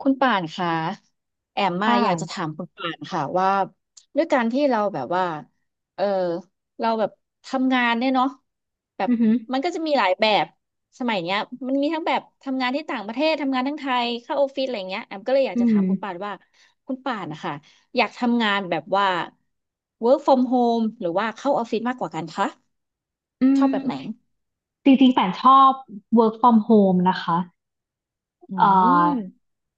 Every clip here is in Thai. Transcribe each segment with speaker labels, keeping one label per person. Speaker 1: คุณป่านคะแอมมา
Speaker 2: ค่
Speaker 1: อยากจะถา
Speaker 2: ะ
Speaker 1: มคุณป่านค่ะว่าด้วยการที่เราแบบว่าเออเราแบบทำงานเนี่ยเนาะแบบ
Speaker 2: อือหือ
Speaker 1: มันก็จะมีหลายแบบสมัยเนี้ยมันมีทั้งแบบทำงานที่ต่างประเทศทำงานทั้งไทยเข้าออฟฟิศอะไรเงี้ยแอมก็เลยอยาก
Speaker 2: อื
Speaker 1: จะถา
Speaker 2: ม
Speaker 1: มคุณป่านว่าคุณป่านนะคะอยากทำงานแบบว่า work from home หรือว่าเข้าออฟฟิศมากกว่ากันคะ
Speaker 2: อื
Speaker 1: ชอบแบบไหน
Speaker 2: มจริงๆป่านชอบ work from home นะคะ
Speaker 1: อื
Speaker 2: เอ่อ
Speaker 1: ม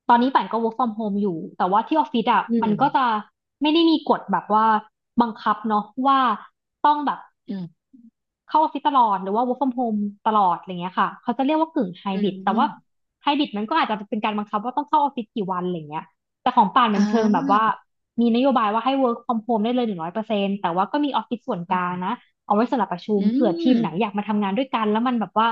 Speaker 2: ตอนนี้ป่านก็ work from home อยู่ แต่ว่าที่ออฟฟิศอ่ะ
Speaker 1: อื
Speaker 2: มันก็จะ
Speaker 1: ม
Speaker 2: ไม่ได้มีกฎแบบว่าบังคับเนาะว่าต้องแบบ
Speaker 1: อืม
Speaker 2: เข้าออฟฟิศตลอดหรือว่า work from home ตลอดอะไรเงี้ยค่ะเขาจะเรียกว่ากึ่งไฮ
Speaker 1: อื
Speaker 2: บริดแต่ว่า
Speaker 1: ม
Speaker 2: ไฮบริดมันก็อาจจะเป็นการบังคับว่าต้องเข้าออฟฟิศกี่วันอะไรเงี้ยแต่ของป่านมันเชิงแบบว่ามีนโยบายว่าให้ work from home ได้เลย100%แต่ว่าก็มีออฟฟิศส่วนก
Speaker 1: อื
Speaker 2: ลางนะ
Speaker 1: ม
Speaker 2: เอาไว้สำหรับประชุม
Speaker 1: อื
Speaker 2: เผื่อทีมไหนอ
Speaker 1: ม
Speaker 2: ยากมาทำงานด้วยกันแล้วมันแบบว่า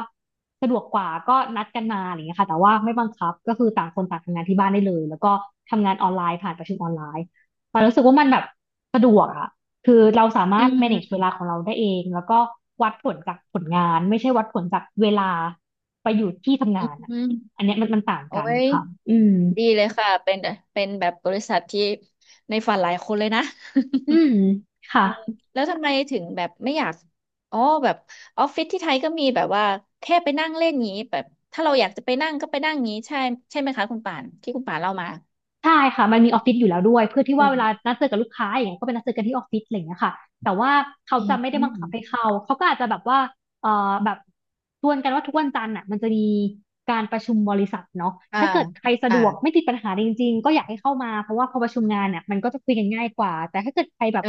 Speaker 2: สะดวกกว่าก็นัดกันมาอะไรเงี้ยค่ะแต่ว่าไม่บังคับก็คือต่างคนต่างทำงานที่บ้านได้เลยแล้วก็ทำงานออนไลน์ผ่านประชุมออนไลน์ป่านรู้สึกว่ามันแบบสะดวกอะ คือเราสา
Speaker 1: อื
Speaker 2: มารถ
Speaker 1: ม
Speaker 2: manage
Speaker 1: อื
Speaker 2: เว
Speaker 1: ม
Speaker 2: ลาของเราได้เองแล้วก็วัดผลจากผลงานไม่ใช่วัดผลจากเวลาไปอยู่ที่ทำงานอะ
Speaker 1: อื
Speaker 2: อั
Speaker 1: ม
Speaker 2: นเนี้ยมันต่าง
Speaker 1: โอ้
Speaker 2: กัน
Speaker 1: ย
Speaker 2: ค่ะอืม
Speaker 1: ดีเลยค่ะเป็นเป็นแบบบริษัทที่ในฝันหลายคนเลยนะ
Speaker 2: อืมค่ะ
Speaker 1: แล้วทำไมถึงแบบไม่อยากอ๋อแบบออฟฟิศที่ไทยก็มีแบบว่าแค่ไปนั่งเล่นงี้แบบถ้าเราอยากจะไปนั่งก็ไปนั่งงี้ใช่ใช่ไหมคะคุณป่านที่คุณป่านเล่ามา
Speaker 2: ใช่ค่ะมันมีออฟฟิศอยู่แล้วด้วยเพื่อที่
Speaker 1: อื
Speaker 2: ว่าเวลา
Speaker 1: ม
Speaker 2: นัดเจอกับลูกค้าอย่างเงี้ยก็ไปนัดเจอกันที่ออฟฟิศอะไรอย่างเงี้ยค่ะแต่ว่าเขา
Speaker 1: อืม
Speaker 2: จะไม่ได้
Speaker 1: อื
Speaker 2: บัง
Speaker 1: ม
Speaker 2: คับให้เข้าเขาก็อาจจะแบบว่าเอ่อแบบชวนกันว่าทุกวันจันทร์อ่ะมันจะมีการประชุมบริษัทเนาะ
Speaker 1: อ่า
Speaker 2: ถ้าเกิดใครสะด
Speaker 1: อ่า
Speaker 2: วกไม่ติดปัญหาจริงๆก็อยากให้เข้ามาเพราะว่าพอประชุมงานเนี่ยมันก็จะคุยกันง่ายกว่าแต่ถ้าเกิดใครแบบ
Speaker 1: อ่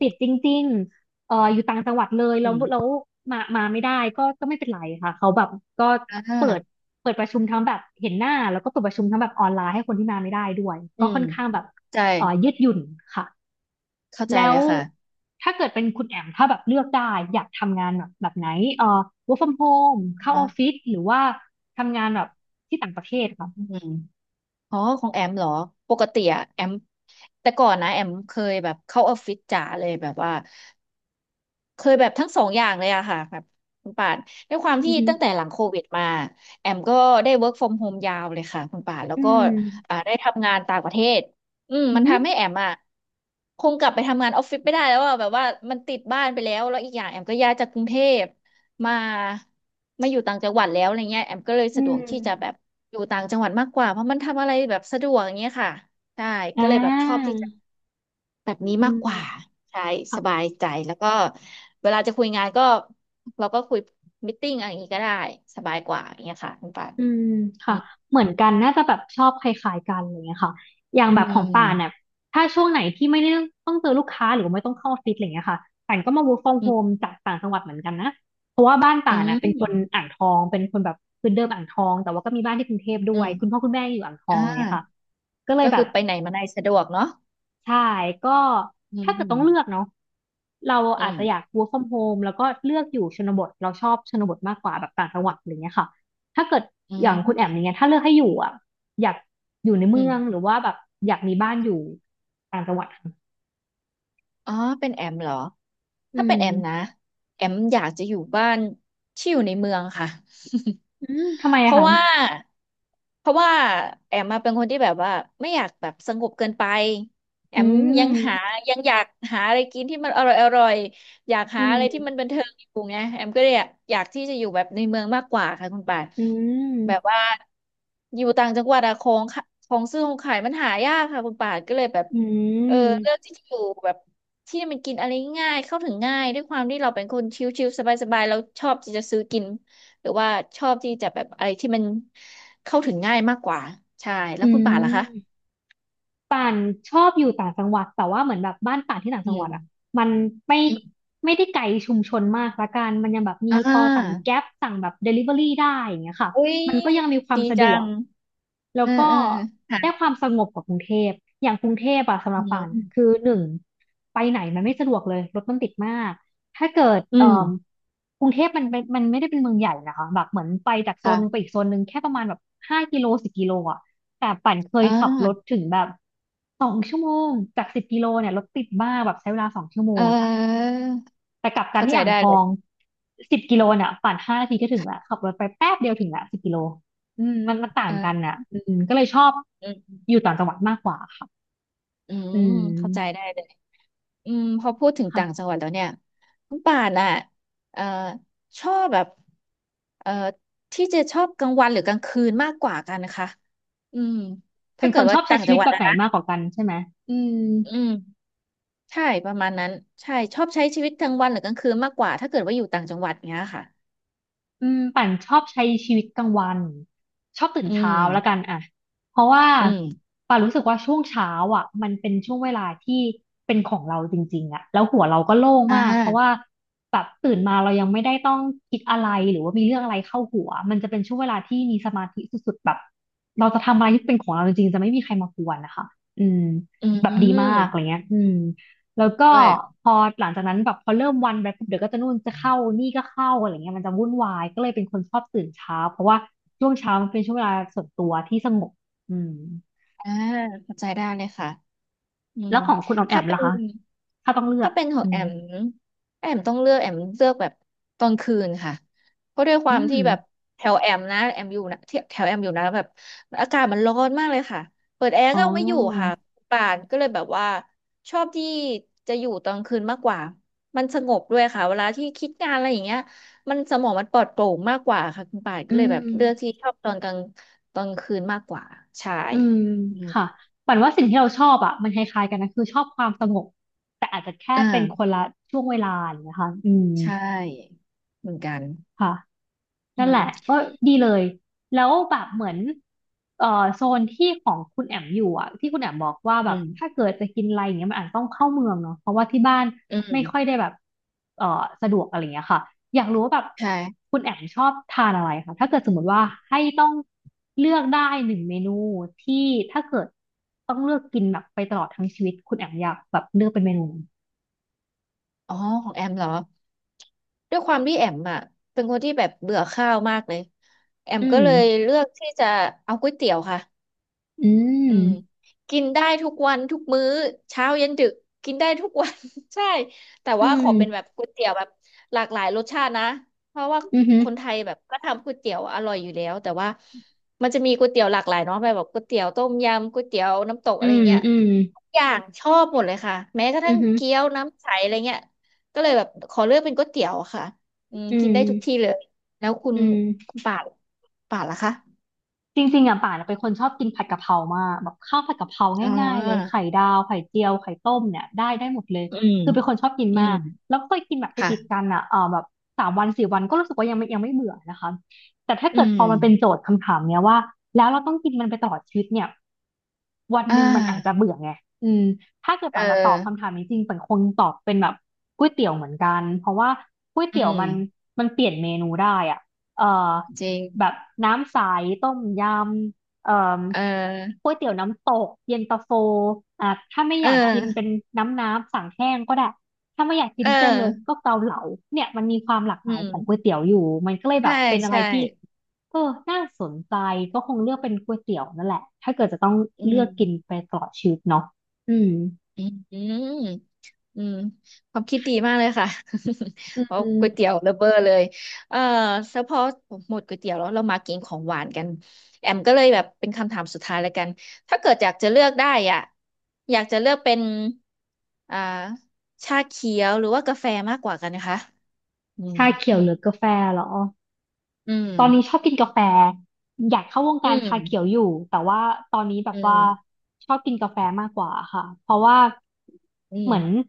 Speaker 2: ติดจริง อยู่ต่างจังหวัดเลย
Speaker 1: อื
Speaker 2: แล้ว
Speaker 1: ม
Speaker 2: มาไม่ได้ก็ไม่เป็นไรค่ะเขาแบบก็
Speaker 1: อ
Speaker 2: เปิด
Speaker 1: ่า
Speaker 2: เปิดประชุมทั้งแบบเห็นหน้าแล้วก็เปิดประชุมทั้งแบบออนไลน์ให้คนที่มาไม่ได้ด้วย
Speaker 1: อื
Speaker 2: ก็ค่
Speaker 1: ม
Speaker 2: อนข้างแบบ
Speaker 1: ใจ
Speaker 2: ยืดหยุ่นค่ะ
Speaker 1: เข้าใจ
Speaker 2: แล้
Speaker 1: เล
Speaker 2: ว
Speaker 1: ยค่ะ
Speaker 2: ถ้าเกิดเป็นคุณแอมถ้าแบบเลือกได้อยากทำงานแบบไหนเออ work from home เข้าออ
Speaker 1: นะ
Speaker 2: ฟฟิศหรือว่าทำงานแบบที่ต่างประเทศค่ะ
Speaker 1: อืม อ๋อของแอมเหรอปกติอะแอมแต่ก่อนนะแอมเคยแบบเข้าออฟฟิศจ๋าเลยแบบว่า เคยแบบทั้งสองอย่างเลยอะค่ะแบบคุณป่านด้วยความ
Speaker 2: อื
Speaker 1: ที่
Speaker 2: อฮึ
Speaker 1: ตั้งแต่หลังโควิดมาแอมก็ได้ work from home ยาวเลยค่ะคุณป่านแล้ว
Speaker 2: อื
Speaker 1: ก็
Speaker 2: ม
Speaker 1: อ่าได้ทำงานต่างประเทศอืม
Speaker 2: อื
Speaker 1: มั
Speaker 2: อ
Speaker 1: น
Speaker 2: ฮึ
Speaker 1: ทำให้แอมอะคงกลับไปทำงานออฟฟิศไม่ได้แล้วอะแบบว่ามันติดบ้านไปแล้วอีกอย่างแอมก็ย้ายจากกรุงเทพมาอยู่ต่างจังหวัดแล้วอะไรเงี้ยแอมก็เลย
Speaker 2: อื
Speaker 1: สะดวก
Speaker 2: ม
Speaker 1: ที่จะแบบอยู่ต่างจังหวัดมากกว่าเพราะมันทำอะไรแบบสะดวกอย่างเงี้ยค่ะใช่
Speaker 2: อ่
Speaker 1: ก็เลยแบบชอบ
Speaker 2: า
Speaker 1: ที่จะ แบบนี้
Speaker 2: อื
Speaker 1: มาก
Speaker 2: ม
Speaker 1: กว่าใช่สบายใจแล้วก็เวลาจะคุยงานก็เราก็คุยมิทติ้งอะไรอย่างนี้ก็ได้สบายกว่าอย่างเงี้ยค่ะคุณปาน
Speaker 2: อืม
Speaker 1: อื
Speaker 2: ค่ะ
Speaker 1: ม
Speaker 2: เหมือนกันน่าจะแบบชอบคล้ายๆกันอะไรอย่างเงี้ยค่ะอย่าง
Speaker 1: อื
Speaker 2: แบบของป่านเนี่ย
Speaker 1: ม
Speaker 2: ถ้าช่วงไหนที่ไม่ได้ต้องเจอลูกค้าหรือว่าไม่ต้องเข้าออฟฟิศอะไรอย่างเงี้ยค่ะป่านก็มา work from
Speaker 1: อื
Speaker 2: home
Speaker 1: ม
Speaker 2: จากต่างจังหวัดเหมือนกันนะเพราะว่าบ้าน
Speaker 1: อื
Speaker 2: ป่านน่ะเป็นคน
Speaker 1: ม
Speaker 2: อ่างทองเป็นคนแบบคืนเดิมอ่างทองแต่ว่าก็มีบ้านที่กรุงเทพด้
Speaker 1: อื
Speaker 2: วยคุณพ่อ
Speaker 1: ม
Speaker 2: คุณแม่อยู่อ่างทอ
Speaker 1: อ่
Speaker 2: งเนี่ยค่ะ
Speaker 1: า
Speaker 2: ก็เลย
Speaker 1: ก็
Speaker 2: แบ
Speaker 1: คื
Speaker 2: บ
Speaker 1: อไปไหนมาไหนสะดวกเนาะ
Speaker 2: ใช่ก็
Speaker 1: อื
Speaker 2: ถ้าเกิดต้องเลือก
Speaker 1: ม
Speaker 2: เนาะเรา
Speaker 1: อื
Speaker 2: อาจ
Speaker 1: ม
Speaker 2: จะอยาก work from home แล้วก็เลือกอยู่ชนบทเราชอบชนบทมากกว่าแบบต่างจังหวัดอะไรเงี้ยค่ะถ้าเกิด
Speaker 1: อื
Speaker 2: อย่างคุณแอม
Speaker 1: ม
Speaker 2: อย่างเงี้ยถ้าเลือกให้อยู่อ่ะอยากอยู่ใน
Speaker 1: อื
Speaker 2: เมื
Speaker 1: ม
Speaker 2: องหรือว่าแบบอยากมีบ้านอยู่ต่างจังหวัดค่ะ
Speaker 1: อ๋อเป็นแอมเหรอ
Speaker 2: อื
Speaker 1: ถ้าเป็น
Speaker 2: ม
Speaker 1: แอมนะแอมอยากจะอยู่บ้านที่อยู่ในเมืองค่ะ
Speaker 2: อืมทำไม
Speaker 1: เพ
Speaker 2: อะ
Speaker 1: ราะ
Speaker 2: คะ
Speaker 1: ว่าเพราะว่าแอมมาเป็นคนที่แบบว่าไม่อยากแบบสงบเกินไปแอ
Speaker 2: อื
Speaker 1: มยังหา
Speaker 2: ม
Speaker 1: ยังอยากหาอะไรกินที่มันอร่อยอร่อยอยาก
Speaker 2: อื
Speaker 1: หาอะไรที่
Speaker 2: ม
Speaker 1: มันบันเทิงอยู่ไงแอมก็เลยอยากอยากที่จะอยู่แบบในเมืองมากกว่าค่ะคุณป่าน
Speaker 2: อืม
Speaker 1: แบบว่าอยู่ต่างจังหวัดอะของค่ะของซื้อของขายมันหายากค่ะคุณป่านก็เลยแบบ
Speaker 2: อื
Speaker 1: เออเลือก
Speaker 2: ม
Speaker 1: ที่จะอยู่แบบ ที่มันกินอะไรง่ายเข้าถึงง่ายด้วยความที่เราเป็นคนชิลๆสบายๆเราชอบที่จะซื้อกินหรือว่าชอบที่จะแบบอะไรที่มันเข้าถึงง่ายมากกว่าใช่แล้
Speaker 2: อื
Speaker 1: วคุณป่านล่ะ
Speaker 2: ม
Speaker 1: คะ
Speaker 2: ป่านชอบอยู่ต่างจังหวัดแต่ว่าเหมือนแบบบ้านป่านที่ต่าง
Speaker 1: อื
Speaker 2: จังหวัดอ่ะ
Speaker 1: ม
Speaker 2: มันไม่
Speaker 1: อืม
Speaker 2: ไม่ได้ไกลชุมชนมากละกันมันยังแบบมี
Speaker 1: อ่
Speaker 2: พอสั่ง
Speaker 1: า
Speaker 2: แก๊ปสั่งแบบเดลิเวอรี่ได้อย่างเงี้ยค่ะ
Speaker 1: อุ้ย
Speaker 2: มันก็ยังมีความ
Speaker 1: ดี
Speaker 2: สะด
Speaker 1: จั
Speaker 2: วก
Speaker 1: ง
Speaker 2: แล้
Speaker 1: เอ
Speaker 2: ว
Speaker 1: อ
Speaker 2: ก็
Speaker 1: เออ
Speaker 2: ได้ค
Speaker 1: ค่ะ
Speaker 2: วามสงบกว่ากรุงเทพอย่างกรุงเทพอะสำหรั
Speaker 1: อื
Speaker 2: บป่านคื
Speaker 1: ม
Speaker 2: อหนึ่งไปไหนมันไม่สะดวกเลยรถมันติดมาก ถ้าเกิด
Speaker 1: อืม
Speaker 2: กรุงเทพมันเป็นมันไม่ได้เป็นเมืองใหญ่นะคะแบบเหมือนไปจากโซนหนึ่งไป
Speaker 1: ค่ะ
Speaker 2: อีกโซนหนึ่งแค่ประมาณแบบ5 กิโลสิบกิโลอ่ะแต่ปั่นเคย
Speaker 1: อ่า
Speaker 2: ขับรถถึงแบบสองชั่วโมงจากสิบกิโลเนี่ยรถติดมากแบบใช้เวลาสองชั่วโม
Speaker 1: เ
Speaker 2: ง
Speaker 1: ออ
Speaker 2: แต่กลับกัน
Speaker 1: เข้าใจ
Speaker 2: ที่อ่าง
Speaker 1: ได้
Speaker 2: ท
Speaker 1: เล
Speaker 2: อ
Speaker 1: ย
Speaker 2: งสิบกิโลเนี่ยปั่น5 นาทีก็ถึงละขับรถไปแป๊บเดียวถึงละสิบกิโลอืมมันต่างกัน
Speaker 1: เออ
Speaker 2: น่ะอืมก็เลยชอบ
Speaker 1: อืม
Speaker 2: อยู่ต่างจังหวัดมากกว่าค่ะ
Speaker 1: อื
Speaker 2: อื
Speaker 1: มเข้าใจได้
Speaker 2: ม
Speaker 1: เลย อืมพอพูดถึง
Speaker 2: ค่ะ
Speaker 1: ต่างจังหวัดแล้วเนี่ยคุณป่านอ่ะเอ่อชอบแบบเอ่อที่จะชอบกลางวันหรือกลางคืนมากกว่ากันนะคะอืม
Speaker 2: เป็
Speaker 1: ถ้า
Speaker 2: นค
Speaker 1: เกิด
Speaker 2: นช
Speaker 1: ว่า
Speaker 2: อบใช้
Speaker 1: ต่าง
Speaker 2: ชี
Speaker 1: จั
Speaker 2: วิ
Speaker 1: ง
Speaker 2: ต
Speaker 1: หวัด
Speaker 2: แบบ
Speaker 1: อะ
Speaker 2: ไหน
Speaker 1: นะ
Speaker 2: มากกว่ากันใช่ไหมอืม
Speaker 1: อืมใช่ประมาณนั้นใช่ชอบใช้ชีวิตกลางวันหรือกลางคืนมากกว่าถ้าเกิดว่าอยู่ต่างจังหวัดเงี้ยค่ะ
Speaker 2: อืมปั่นชอบใช้ชีวิตกลางวันชอบตื่น
Speaker 1: อื
Speaker 2: เช้าแล้วกัน
Speaker 1: ม
Speaker 2: อ่ะเพราะว่า
Speaker 1: อืม
Speaker 2: ป่นรู้สึกว่าช่วงเช้ามันเป็นช่วงเวลาที่เป็นของเราจริงๆอ่ะแล้วหัวเราก็โล่ง
Speaker 1: อ่
Speaker 2: มากเพราะว่า
Speaker 1: า
Speaker 2: แบบตื่นมาเรายังไม่ได้ต้องคิดอะไรหรือว่ามีเรื่องอะไรเข้าหัวมันจะเป็นช่วงเวลาที่มีสมาธิสุดๆแบบเราจะทำอะไรที่เป็นของเราจริงๆจะไม่มีใครมากวนนะคะอืม
Speaker 1: อื
Speaker 2: แบบดีมากอะไร
Speaker 1: ม
Speaker 2: เงี้ยอืม แล้วก็
Speaker 1: ด้วย
Speaker 2: พอหลังจากนั้นแบบพอเริ่มวันไปปุ๊บเดี๋ยวก็จะนู่นจะเข้านี่ก็เข้าอะไรเงี้ยมันจะวุ่นวายก็เลยเป็นคนชอบตื่นเช้าเพราะว่าช่วงเช้ามันเป็นช่วงเวลาส่วนตัวที่สงบอืม
Speaker 1: อ่าเข้าใจได้เลยค่ะ อื
Speaker 2: แล้
Speaker 1: ม
Speaker 2: วของคุณออมแอ
Speaker 1: ถ้า
Speaker 2: ม
Speaker 1: เป็
Speaker 2: ล่ะ
Speaker 1: น
Speaker 2: คะถ้าต้องเลือก
Speaker 1: ถ้าเป็นขอ
Speaker 2: อื
Speaker 1: งแอ
Speaker 2: ม
Speaker 1: มแอมต้องเลือกแอมเลือกแบบตอนคืนค่ะเพราะด้วยค
Speaker 2: อื
Speaker 1: วาม
Speaker 2: ม
Speaker 1: ที่แบบแถวแอมนะแอมอยู่นะที่แถวแอมอยู่นะแบบอากาศมันร้อนมากเลยค่ะเปิดแอร์
Speaker 2: อ๋
Speaker 1: ก็เอาไม่อยู่ค่ะ
Speaker 2: อ
Speaker 1: ป่านก็เลยแบบว่าชอบที่จะอยู่ตอนคืนมากกว่ามันสงบด้วยค่ะเวลาที่คิดงานอะไรอย่างเงี้ยมันสมองมันปลอดโปร่งมากกว่าค่ะคุณป่าน
Speaker 2: อื
Speaker 1: ก็เลยแบบเลือกที่
Speaker 2: ม
Speaker 1: ชอบตอนกลางตอนคืนมากกว่าใช่
Speaker 2: อืม
Speaker 1: อืม
Speaker 2: ค่ะปันว่าสิ่งที่เราชอบอ่ะมันคล้ายๆกันนะคือชอบความสงบแต่อาจจะแค่
Speaker 1: อ
Speaker 2: เป็นคน
Speaker 1: ่า
Speaker 2: ละช่วงเวลาอย่างเงี้ยค่ะอืม
Speaker 1: ใช่เหมือนกัน
Speaker 2: ค่ะ
Speaker 1: อื
Speaker 2: นั่นแห
Speaker 1: ม
Speaker 2: ละก็ดีเลยแล้วแบบเหมือนเอ่อโซนที่ของคุณแอมอยู่อ่ะที่คุณแอมบอกว่าแบ
Speaker 1: อื
Speaker 2: บถ้า
Speaker 1: ม
Speaker 2: เกิดจะกินอะไรอย่างเงี้ยมันอาจต้องเข้าเมืองเนาะเพราะว่าที่บ้าน
Speaker 1: อื
Speaker 2: ไม่ค่อ
Speaker 1: ม
Speaker 2: ยได้แบบเอ่อสะดวกอะไรเงี้ยค่ะอยากรู้ว่าแบบ
Speaker 1: ใช่
Speaker 2: คุณแอมชอบทานอะไรคะถ้าเกิดสมมติว่าให้ต้องเลือกได้หนึ่งเมนูที่ถ้าเกิดต้องเลือกกินแบบไปตลอดทั้งชีวิตคุณแอมอยากแบบเลือกเป็นเมนูไหน
Speaker 1: อ๋อ ของแอมเหรอ ด้วยความที่แอมอ่ะเป็นคนที่แบบเบื่อข้าวมากเลยแอม
Speaker 2: อื
Speaker 1: ก็
Speaker 2: ม
Speaker 1: เลยเลือกที่จะเอาก๋วยเตี๋ยวค่ะ
Speaker 2: อื
Speaker 1: อื
Speaker 2: ม
Speaker 1: มกินได้ทุกวันทุกมื้อเช้าเย็นดึกกินได้ทุกวัน ใช่แต่
Speaker 2: อื
Speaker 1: ว่าข
Speaker 2: ม
Speaker 1: อเป็นแบบก๋วยเตี๋ยวแบบหลากหลายรสชาตินะเพราะว่า
Speaker 2: อืมอหือ
Speaker 1: คนไทยแบบก็ทำก๋วยเตี๋ยวอร่อยอยู่แล้วแต่ว่ามันจะมีก๋วยเตี๋ยวหลากหลายเนาะแบบก๋วยเตี๋ยวต้มยำก๋วยเตี๋ยวน้ำตก
Speaker 2: อื
Speaker 1: อะไร
Speaker 2: ม
Speaker 1: เงี้ย
Speaker 2: อืม
Speaker 1: ทุกอย่างชอบหมดเลยค่ะแม้กระ
Speaker 2: อื
Speaker 1: ทั่งเกี๊ย
Speaker 2: ม
Speaker 1: วน้ำใสอะไรเงี้ยก็เลยแบบขอเลือกเป็นก๋วยเตี๋ยวอะค่ะอืม
Speaker 2: อื
Speaker 1: กิ
Speaker 2: ม
Speaker 1: นได้ทุกที่เลยแล้ว
Speaker 2: อืม
Speaker 1: คุณป่านล่ะคะ
Speaker 2: จริงๆอ่ะป่านเป็นคนชอบกินผัดกะเพรามากแบบข้าวผัดกะเพรา
Speaker 1: อ๋อ
Speaker 2: ง่ายๆเลยไข่ดาวไข่เจียวไข่ต้มเนี่ยได้หมดเลย
Speaker 1: อืม
Speaker 2: คือเป็นคนชอบกิน
Speaker 1: อื
Speaker 2: มา
Speaker 1: ม
Speaker 2: กแล้วก็เคยกินแบบ
Speaker 1: ค่ะ
Speaker 2: ติดๆกันอ่ะเออแบบสามวันสี่วันก็รู้สึกว่ายังไม่เบื่อนะคะแต่ถ้า
Speaker 1: อื
Speaker 2: เกิดพ
Speaker 1: ม
Speaker 2: อมันเป็นโจทย์คำถามเนี้ยว่าแล้วเราต้องกินมันไปตลอดชีวิตเนี่ย วัน
Speaker 1: อ่
Speaker 2: หนึ่งมันอาจจะ
Speaker 1: า
Speaker 2: เบื่อไงอืมถ้าเกิด
Speaker 1: เอ
Speaker 2: ป่าจะตอ
Speaker 1: อ
Speaker 2: บคำถามนี้จริงเป่นคงตอบเป็นแบบก๋วยเตี๋ยวเหมือนกันเพราะว่าก๋วย
Speaker 1: อื
Speaker 2: เตี๋ยว
Speaker 1: ม
Speaker 2: มันมันเปลี่ยนเมนูได้อ่ะเอ่อ
Speaker 1: จริง
Speaker 2: แบบน้ำใสต้มยำ
Speaker 1: เออ
Speaker 2: ก๋วยเตี๋ยวน้ำตกเย็นตาโฟอ่ะถ้าไม่อ
Speaker 1: เอ
Speaker 2: ยากกิน
Speaker 1: อ
Speaker 2: เป็นน้ำสั่งแห้งก็ได้ ถ้าไม่อยากกิ
Speaker 1: เอ
Speaker 2: นเส้นเลย
Speaker 1: อ
Speaker 2: ก็เกาเหลาเนี่ยมันมีความหลากห
Speaker 1: อื
Speaker 2: ลาย
Speaker 1: ม
Speaker 2: ของก๋วยเตี๋ยวอยู่มันก็เลยแบ
Speaker 1: ใช่
Speaker 2: บเป็นอะไร
Speaker 1: ใช่
Speaker 2: ที่เออน่าสนใจก็คงเลือกเป็นก๋วยเตี๋ยวนั่นแหละถ้าเกิดจะต้อง
Speaker 1: อื
Speaker 2: เลือกกิน
Speaker 1: ม
Speaker 2: ไปตลอดชีวิตเนาะอืม
Speaker 1: อืมอืมอืมความคิดดีมากเลยค่ะ
Speaker 2: อื
Speaker 1: เอาก๋วยเตี๋ย
Speaker 2: ม
Speaker 1: วระเบ้อเลยเออเฉพาะหมดก๋วยเตี๋ยวแล้วเรามากินของหวานกันแอมก็เลยแบบเป็นคำถามสุดท้ายแล้วกัน ถ้าเกิดอยากจะเลือกได้อ่ะอยากจะเลือกเป็นอ่าชาเขียวหรือว่ากาแฟมากกว่ากันนะคะอืม
Speaker 2: ชาเขียวหรือกาแฟเหรอ
Speaker 1: อืม
Speaker 2: ตอนนี้ชอบกินกาแฟอยากเข้าวง
Speaker 1: อื
Speaker 2: การชาเขียว
Speaker 1: ม
Speaker 2: อยู่แต่ว่าตอนนี้แบ
Speaker 1: อื
Speaker 2: บว่า
Speaker 1: ม
Speaker 2: ชอบกินกาแฟมากกว่าค่ะเพราะว่า
Speaker 1: อื
Speaker 2: เหมือน
Speaker 1: ม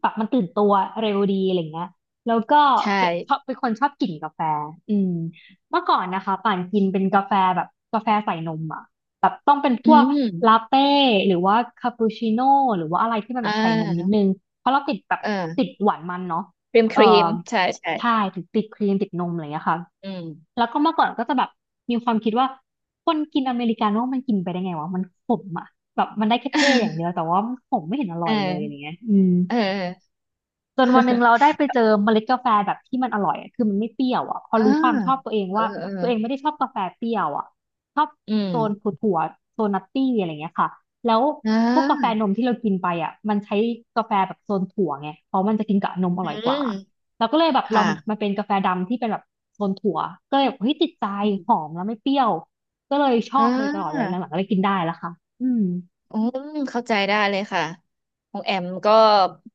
Speaker 2: แบบมันตื่นตัวเร็วดีอะไรเงี้ยแล้วก็
Speaker 1: ใช่
Speaker 2: เป็นชอบเป็นคนชอบกลิ่นกาแฟอืมเมื่อก่อนนะคะป่านกินเป็นกาแฟแบบกาแฟใส่นมอ่ะแบบต้องเป็นพ
Speaker 1: อื
Speaker 2: วกลา
Speaker 1: ม
Speaker 2: เต้หรือว่าคาปูชิโน่หรือว่าอะไรที่มัน
Speaker 1: อ่
Speaker 2: แบบใส่นมนิด
Speaker 1: า
Speaker 2: นึงเพราะเราติดแบบ
Speaker 1: เอ
Speaker 2: ติด
Speaker 1: อ
Speaker 2: หวานมันเนาะ
Speaker 1: ครีมค
Speaker 2: เอ่
Speaker 1: รี
Speaker 2: อ
Speaker 1: ม ใช่ ใช่
Speaker 2: ใช่ถึงติดครีมติดนมอะไรอย่างเงี้ยค่ะ
Speaker 1: อืม
Speaker 2: แล้วก็เมื่อก่อนก็จะแบบมีความคิดว่าคนกินอเมริกาโน่มันกินไปได้ไงวะมันขมอ่ะแบบมันได้แค่เท่อย่างเดีย วแต่ว่ามันขมไม่เห็นอ
Speaker 1: เ
Speaker 2: ร่อยเลยอะไร
Speaker 1: ออ
Speaker 2: เงี้ยอืม
Speaker 1: เออ
Speaker 2: จนวันหนึ่งเราได้ไปเจอเมล็ดกาแฟแบบที่มันอร่อยอะคือมันไม่เปรี้ยวอ่ะพอ
Speaker 1: อ่า
Speaker 2: รู้ความชอบตัวเอง
Speaker 1: เออ
Speaker 2: ว่า
Speaker 1: เออ
Speaker 2: ตัวเองไม่ได้ชอบกาแฟเปรี้ยวอ่ะชอบ
Speaker 1: อืม
Speaker 2: โซนถั่วๆโซนนัตตี้อะไรเงี้ยค่ะแล้ว
Speaker 1: อ่
Speaker 2: พวกกาแฟ
Speaker 1: า
Speaker 2: นมที่เรากินไปอ่ะมันใช้กาแฟแบบโซนถั่วไงเพราะมันจะกินกับนมอ
Speaker 1: อื
Speaker 2: ร่อยก
Speaker 1: ม
Speaker 2: ว่าเราก็เลยแบบลอ
Speaker 1: ค่ะ
Speaker 2: งมาเป็นกาแฟดำที่เป็นแบบโซนถั่วก็เลยแบบเฮ้ยติดใจ
Speaker 1: อ
Speaker 2: ห
Speaker 1: ม
Speaker 2: อมแล้วไม่เปรี้ยวก็เลยชอ
Speaker 1: อ่
Speaker 2: บมาโดยตลอดเลยหลั
Speaker 1: า
Speaker 2: งๆก็เลยกินได้แล้วค่ะอืม
Speaker 1: อืมเข้าใจได้เลยค่ะของแอมก็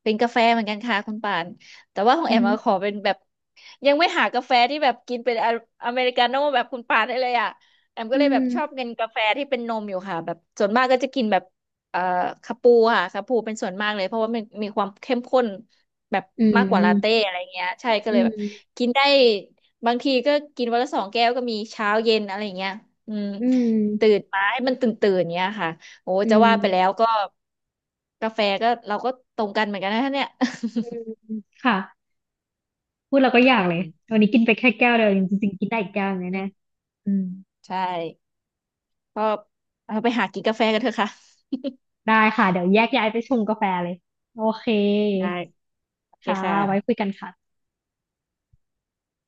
Speaker 1: เป็นกาแฟเหมือนกันค่ะคุณป่านแต่ว่าของ
Speaker 2: อื
Speaker 1: แอ
Speaker 2: อ
Speaker 1: ม
Speaker 2: หือ
Speaker 1: อะขอเป็นแบบยังไม่หากาแฟที่แบบกินเป็นออเมริกาโน่แบบคุณป่านได้เลยอ่ะแอมก็
Speaker 2: อื
Speaker 1: เลยแบบชอบ
Speaker 2: ม
Speaker 1: กินกาแฟที่เป็นนมอยู่ค่ะแบบส่วนมากก็จะกินแบบเอ่อคาปูค่ะคาปูเป็นส่วนมากเลยเพราะว่ามันมีความเข้มข้นแบบ
Speaker 2: อื
Speaker 1: มาก
Speaker 2: ม
Speaker 1: กว่าลาเต้อะไรเงี้ยใช่ก็
Speaker 2: อื
Speaker 1: เลยแบบ
Speaker 2: ม
Speaker 1: กินได้บางทีก็กินวันละ2 แก้วก็มีเช้าเย็นอะไรเงี้ยอืม
Speaker 2: อื
Speaker 1: ตื่
Speaker 2: ม
Speaker 1: นมาให้มันตื่นตื่นเงี้ยค่ะ โอ้
Speaker 2: อื
Speaker 1: จะว่าไปแล้ว
Speaker 2: ม
Speaker 1: ก็กาแฟก็เราก็ตรงกันเหมือนกันนะเนี่ย
Speaker 2: อืมค่ะพูดแล้วก็อยา ก
Speaker 1: อื
Speaker 2: เลย
Speaker 1: ม
Speaker 2: วันนี้กินไปแค่แก้วเดียว
Speaker 1: อื
Speaker 2: จ
Speaker 1: ม
Speaker 2: ริงๆกินได้อีกแก้วหนึง
Speaker 1: อื
Speaker 2: แน่
Speaker 1: ม
Speaker 2: ๆอืม
Speaker 1: ใช่ก็เราไปหากินกาแฟกันเถอะค่ะ
Speaker 2: ได้ค่ะเดี๋ยวแยกย้ายไปชงกาแฟเลยโอเค
Speaker 1: ได้โอเค
Speaker 2: ค่ะ
Speaker 1: ค
Speaker 2: ไว้คุย
Speaker 1: ่ะ
Speaker 2: กันค่ะ